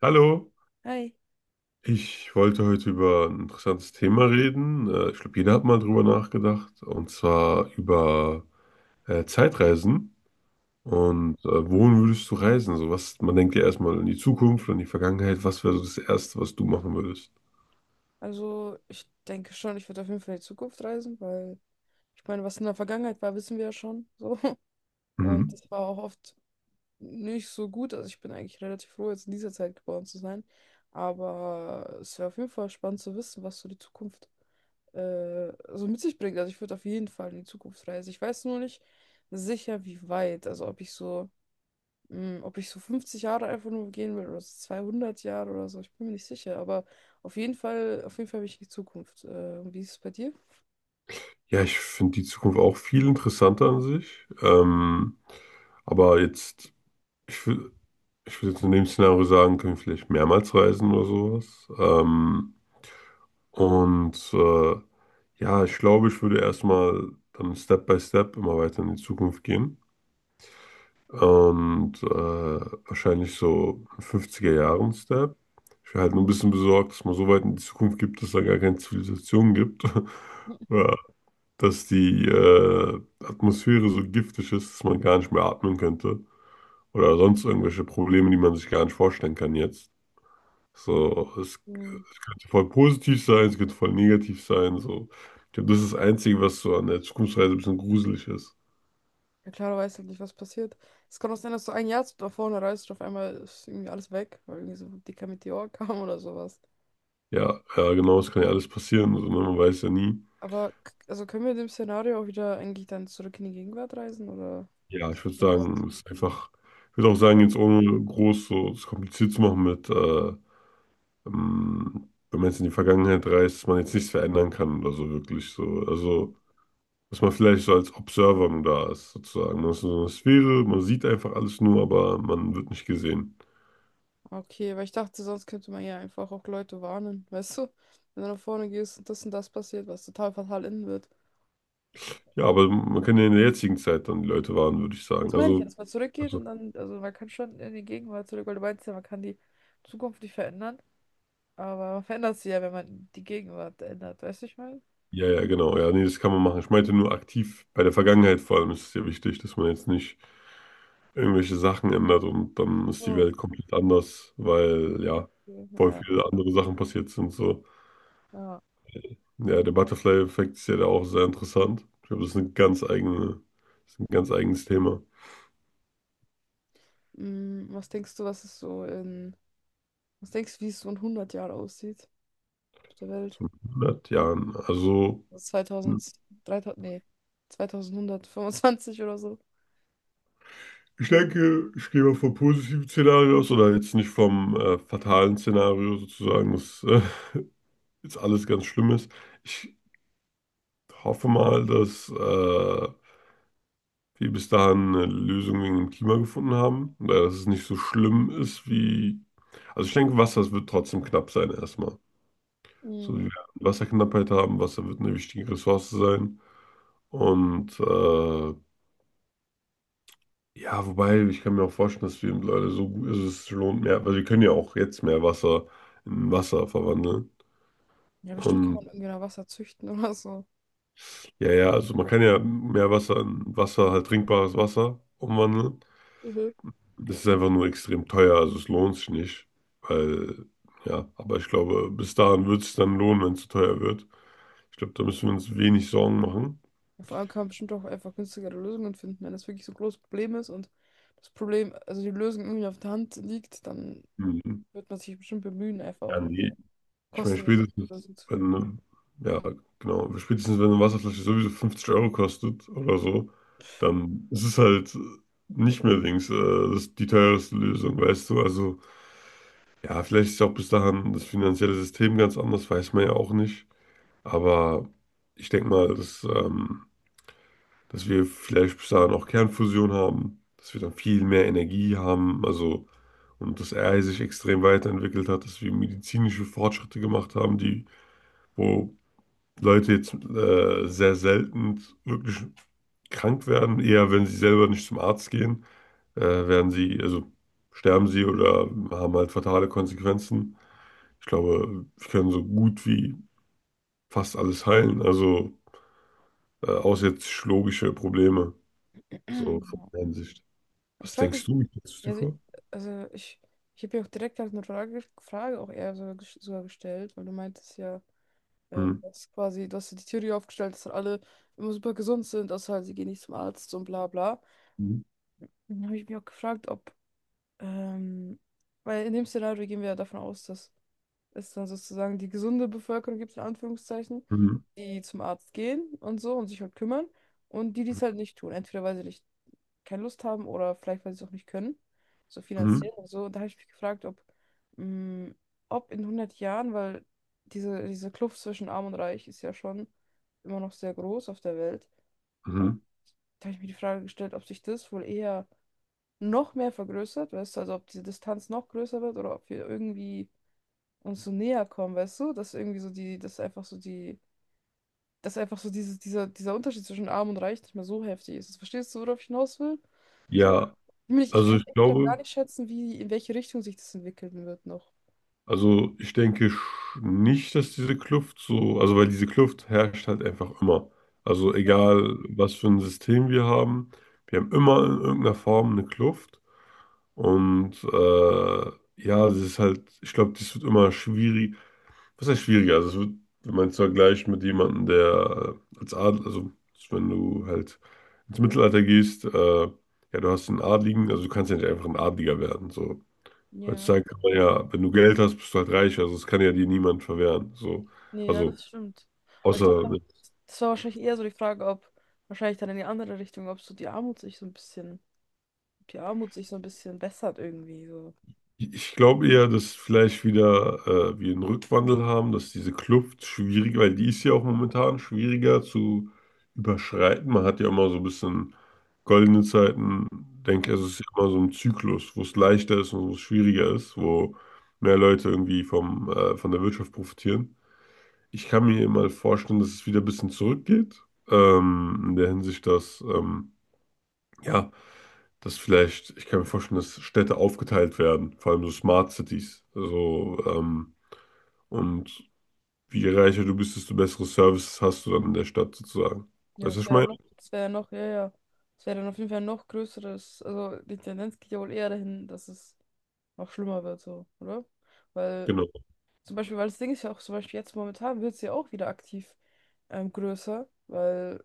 Hallo, Hi. ich wollte heute über ein interessantes Thema reden. Ich glaube, jeder hat mal drüber nachgedacht, und zwar über Zeitreisen. Und wohin würdest du reisen? So was, man denkt ja erstmal in die Zukunft, in die Vergangenheit. Was wäre so das Erste, was du machen würdest? Also, ich denke schon, ich würde auf jeden Fall in die Zukunft reisen, weil ich meine, was in der Vergangenheit war, wissen wir ja schon. So. Und Mhm. das war auch oft nicht so gut. Also, ich bin eigentlich relativ froh, jetzt in dieser Zeit geboren zu sein. Aber es wäre auf jeden Fall spannend zu wissen, was so die Zukunft so mit sich bringt. Also, ich würde auf jeden Fall in die Zukunft reisen. Ich weiß nur nicht sicher, wie weit. Also, ob ich so 50 Jahre einfach nur gehen will oder so 200 Jahre oder so, ich bin mir nicht sicher. Aber auf jeden Fall will ich in die Zukunft. Und wie ist es bei dir? Ja, ich finde die Zukunft auch viel interessanter an sich. Aber jetzt, ich will, ich würde jetzt in dem Szenario sagen, können wir vielleicht mehrmals reisen oder sowas. Und äh, ja, ich glaube, ich würde erstmal dann Step by Step immer weiter in die Zukunft gehen. Und wahrscheinlich so 50er Jahren Step. Ich wäre halt nur ein bisschen besorgt, dass man so weit in die Zukunft gibt, dass da gar keine Zivilisation gibt. Oder dass die Atmosphäre so giftig ist, dass man gar nicht mehr atmen könnte. Oder sonst irgendwelche Probleme, die man sich gar nicht vorstellen kann jetzt. So, es Hm. kann voll positiv sein, es kann voll negativ sein. So. Ich glaube, das ist das Einzige, was so an der Zukunftsreise ein bisschen gruselig ist. Ja, klar, du weißt halt nicht, was passiert. Es kann auch sein, dass du ein Jahr da vorne reist und auf einmal ist irgendwie alles weg, weil irgendwie so ein dicker Meteor kam oder sowas. Ja, ja, genau, es kann ja alles passieren. Also, ne, man weiß ja nie. Aber also können wir in dem Szenario auch wieder eigentlich dann zurück in die Gegenwart reisen oder? Ja, ich würde So. sagen, es ist einfach, ich würde auch sagen, jetzt ohne groß so es kompliziert zu machen mit, wenn man jetzt in die Vergangenheit reist, dass man jetzt nichts verändern kann oder so wirklich so. Also, dass man vielleicht so als Observer nur da ist, sozusagen. Man ist in so einer Sphäre, man sieht einfach alles nur, aber man wird nicht gesehen. Okay, weil ich dachte, sonst könnte man ja einfach auch Leute warnen, weißt du? Wenn du nach vorne gehst und das passiert, was total fatal enden wird. Ja, aber man kann ja in der jetzigen Zeit dann die Leute warnen, würde ich Das sagen. meine ich ja, dass man zurückgeht also, und dann, also man kann schon in die Gegenwart zurück, weil du meinst ja, man kann die Zukunft nicht verändern, aber man verändert sie ja, wenn man die Gegenwart ändert, weißt du, ich meine? ja, ja, genau. Ja, nee, das kann man machen. Ich meinte nur aktiv bei der Vergangenheit vor allem ist es ja wichtig, dass man jetzt nicht irgendwelche Sachen ändert und dann ist die So, Welt komplett anders, weil ja, okay, voll ja, viele andere Sachen passiert sind. So, ja. ja, der Butterfly-Effekt ist ja da auch sehr interessant. Ich glaube, das ist ein ganz eigenes Thema. Mm, was denkst du, was es so in, Was denkst du, wie es so in 100 Jahren aussieht auf der Welt? So in 100 Jahren. Also. Also 2000, 3000, nee, 2125 oder so. Ich denke, ich gehe mal vom positiven Szenario aus oder jetzt nicht vom fatalen Szenario sozusagen, dass jetzt alles ganz schlimm ist. Ich hoffe mal, dass wir bis dahin eine Lösung wegen dem Klima gefunden haben oder dass es nicht so schlimm ist wie. Also ich denke, Wasser es wird trotzdem knapp sein erstmal. So, Mhm. wir werden Wasserknappheit haben, Wasser wird eine wichtige Ressource sein und ja, wobei, ich kann mir auch vorstellen, dass wir Leute so gut, also es lohnt mehr, weil wir können ja auch jetzt mehr Wasser in Wasser verwandeln. Ja, bestimmt kann Und man irgendwie noch Wasser züchten oder so. ja, ja, also man kann ja mehr Wasser in Wasser, halt trinkbares Wasser umwandeln. Das ist einfach nur extrem teuer, also es lohnt sich nicht. Weil, ja, aber ich glaube, bis dahin wird es dann lohnen, wenn es zu teuer wird. Ich glaube, da müssen wir uns wenig Sorgen machen. Ja, vor allem kann man bestimmt auch einfach günstigere Lösungen finden. Wenn das wirklich so ein großes Problem ist und das Problem, also die Lösung irgendwie auf der Hand liegt, dann Mhm. wird man sich bestimmt bemühen, einfach auch Ja, nee, eine ich meine, kostenlose spätestens, Lösung zu wenn, ne, ja, genau, spätestens, wenn eine Wasserflasche sowieso 50 Euro kostet oder so, dann ist es halt nicht mehr links, das ist die teuerste Lösung, weißt du? Also, ja, vielleicht ist auch bis dahin das finanzielle System ganz anders, weiß man ja auch nicht. Aber ich denke mal, dass, dass wir vielleicht bis dahin auch Kernfusion haben, dass wir dann viel mehr Energie haben, also, und dass AI sich extrem weiterentwickelt hat, dass wir medizinische Fortschritte gemacht haben, die wo Leute jetzt sehr selten wirklich krank werden. Eher, wenn sie selber nicht zum Arzt gehen, werden sie, also sterben sie oder haben halt fatale Konsequenzen. Ich glaube, wir können so gut wie fast alles heilen. Also außer jetzt psychologische Probleme, so von finden. der Hinsicht. Ich Was frage denkst mich, du? Wie stellst du es dir also, vor? also ich, ich habe ja auch direkt halt eine Frage auch eher sogar, sogar gestellt, weil du meintest ja, Hm. Dass quasi, du hast ja die Theorie aufgestellt, dass halt alle immer super gesund sind, außer halt, sie gehen nicht zum Arzt und bla bla. Mhm. Dann habe ich mich auch gefragt, ähm, weil in dem Szenario gehen wir ja davon aus, dass ist dann sozusagen die gesunde Bevölkerung, gibt es in Anführungszeichen, Mhm. die zum Arzt gehen und so und sich halt kümmern und die, die es halt nicht tun. Entweder weil sie nicht keine Lust haben oder vielleicht, weil sie es auch nicht können, so Mhm. finanziell und so. Und da habe ich mich gefragt, mh, ob in 100 Jahren, weil diese Kluft zwischen Arm und Reich ist ja schon immer noch sehr groß auf der Welt. Und Mhm. da habe ich mir die Frage gestellt, ob sich das wohl eher noch mehr vergrößert, weißt du, also ob diese Distanz noch größer wird oder ob wir irgendwie uns so näher kommen, weißt du? Dass irgendwie so dieses, dieser Unterschied zwischen Arm und Reich nicht mehr so heftig ist. Verstehst du, worauf ich hinaus will? So? Ja, Ich meine, ich also kann ich echt grad gar glaube. nicht schätzen, wie, in welche Richtung sich das entwickeln wird noch. Also ich denke nicht, dass diese Kluft so, also weil diese Kluft herrscht halt einfach immer. Also egal, was für ein System wir haben immer in irgendeiner Form eine Kluft. Und ja, das ist halt, ich glaube, das wird immer schwierig. Was heißt schwieriger? Also es wird, wenn man es vergleicht mit jemandem, der als Adel, also wenn du halt ins Mittelalter gehst, ja, du hast einen Adligen, also du kannst ja nicht einfach ein Adliger werden. So, Ja, heutzutage kann man ja, wenn du Geld hast, bist du halt reich. Also das kann ja dir niemand verwehren. So. nee, ja, Also das stimmt. Aber ich außer, glaube, das war wahrscheinlich eher so die Frage, ob wahrscheinlich dann in die andere Richtung, ob so die Armut sich so ein bisschen, ob die Armut sich so ein bisschen bessert irgendwie so. ich glaube eher, dass vielleicht wieder wir einen Rückwandel haben, dass diese Kluft schwierig, weil die ist ja auch momentan schwieriger zu überschreiten. Man hat ja immer so ein bisschen goldene Zeiten, denke ich, es ist ja immer so ein Zyklus, wo es leichter ist und wo es schwieriger ist, wo mehr Leute irgendwie von der Wirtschaft profitieren. Ich kann mir mal vorstellen, dass es wieder ein bisschen zurückgeht. In der Hinsicht, ja, dass vielleicht, ich kann mir vorstellen, dass Städte aufgeteilt werden, vor allem so Smart Cities. Also, und je reicher du bist, desto bessere Services hast du dann in der Stadt sozusagen. Ja, Weißt du, was ich meine? Das wäre ja noch, ja, ja. Das wäre dann auf jeden Fall noch größeres, also die Tendenz geht ja wohl eher dahin, dass es noch schlimmer wird, so, oder? Weil, Genau. weil das Ding ist ja auch zum Beispiel jetzt momentan wird es ja auch wieder aktiv größer,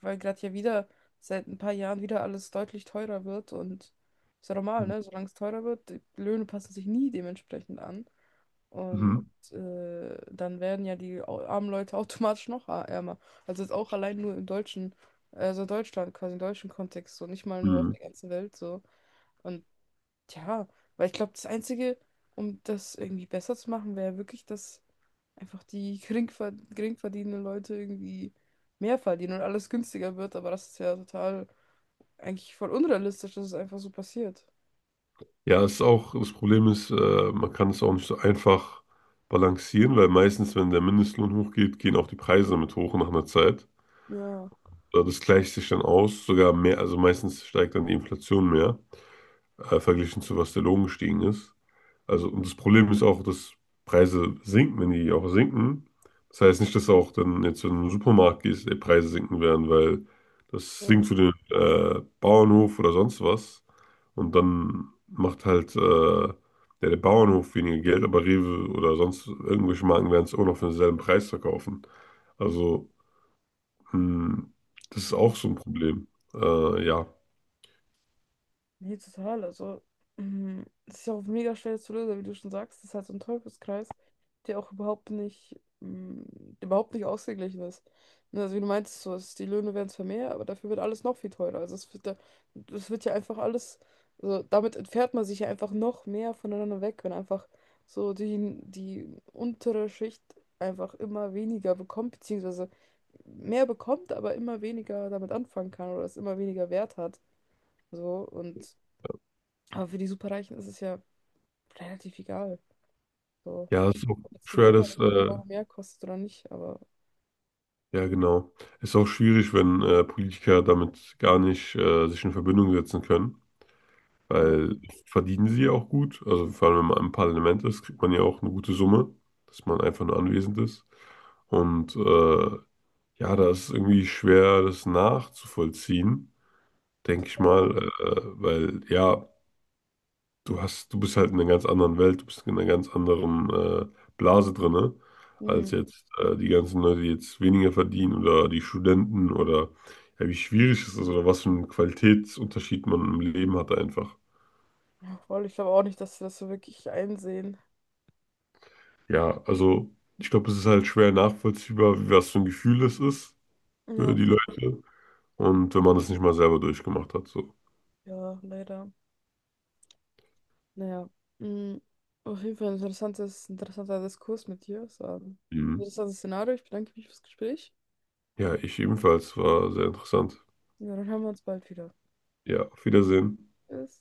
weil gerade ja wieder seit ein paar Jahren wieder alles deutlich teurer wird und ist ja normal, ne? Solange es teurer wird, die Löhne passen sich nie dementsprechend an. Und Mhm. Dann werden ja die armen Leute automatisch noch ärmer. Also jetzt auch allein nur im deutschen, also Deutschland, quasi im deutschen Kontext, so nicht mal nur auf Mhm. der ganzen Welt so. Und ja, weil ich glaube, das Einzige, um das irgendwie besser zu machen, wäre wirklich, dass einfach die geringverdienenden Leute irgendwie mehr verdienen und alles günstiger wird. Aber das ist ja total eigentlich voll unrealistisch, dass es einfach so passiert. Ja, es ist auch, das Problem ist, man kann es auch nicht so einfach balancieren, weil meistens, wenn der Mindestlohn hochgeht, gehen auch die Preise damit hoch nach einer Zeit. Ja, Ja, das gleicht sich dann aus, sogar mehr, also meistens steigt dann die Inflation mehr, verglichen zu was der Lohn gestiegen ist. Also, und das Problem ist auch, dass Preise sinken, wenn die auch sinken. Das heißt nicht, dass auch dann jetzt, wenn du in den Supermarkt gehst, die Preise sinken werden, weil das ja, sinkt für den Bauernhof oder sonst was. Und dann macht halt ja, der Bauernhof weniger Geld, aber Rewe oder sonst irgendwelche Marken werden es auch noch für denselben Preis verkaufen. Also. Hm, das ist ja. auch so ein Problem. Ja. Nee, total. Also, mm, es ist ja auch mega schwer zu lösen, wie du schon sagst. Das ist halt so ein Teufelskreis, der auch überhaupt nicht, mm, der überhaupt nicht ausgeglichen ist. Ne, also, wie du meintest, so, es, die Löhne werden zwar mehr, aber dafür wird alles noch viel teurer. Also das wird ja einfach alles, also, damit entfernt man sich ja einfach noch mehr voneinander weg, wenn einfach die untere Schicht einfach immer weniger bekommt, beziehungsweise mehr bekommt, aber immer weniger damit anfangen kann oder es immer weniger Wert hat. So, und aber für die Superreichen ist es ja relativ egal. So, Ja, es ist auch ob jetzt die schwer, Butter dass irgendwie einen Euro mehr kostet oder nicht, aber ja genau. Es ist auch schwierig, wenn, Politiker damit gar nicht, sich in Verbindung setzen können, ja, weil verdienen sie ja auch gut. Also, vor allem, wenn man im Parlament ist, kriegt man ja auch eine gute Summe, dass man einfach nur anwesend ist. Und, ja, da ist es irgendwie schwer, das nachzuvollziehen, denke ich total. mal, weil ja du hast, du bist halt in einer ganz anderen Welt, du bist in einer ganz anderen Blase drinne, Hm. als jetzt die ganzen Leute, die jetzt weniger verdienen oder die Studenten oder ja, wie schwierig es ist oder was für einen Qualitätsunterschied man im Leben hat einfach. Ja, voll. Ich glaube auch nicht, dass sie das so wirklich einsehen. Ja, also ich glaube, es ist halt schwer nachvollziehbar, was für ein Gefühl es ist für Ja, die Leute und wenn man das nicht mal selber durchgemacht hat, so. ja, leider. Naja. Hm. Auf jeden Fall ein interessanter Diskurs mit dir. Es war ein Mhm. interessantes Szenario. Ich bedanke mich fürs Gespräch. Ja, ich ebenfalls, war sehr interessant. Ja, dann hören wir uns bald wieder. Ja, auf Wiedersehen. Tschüss.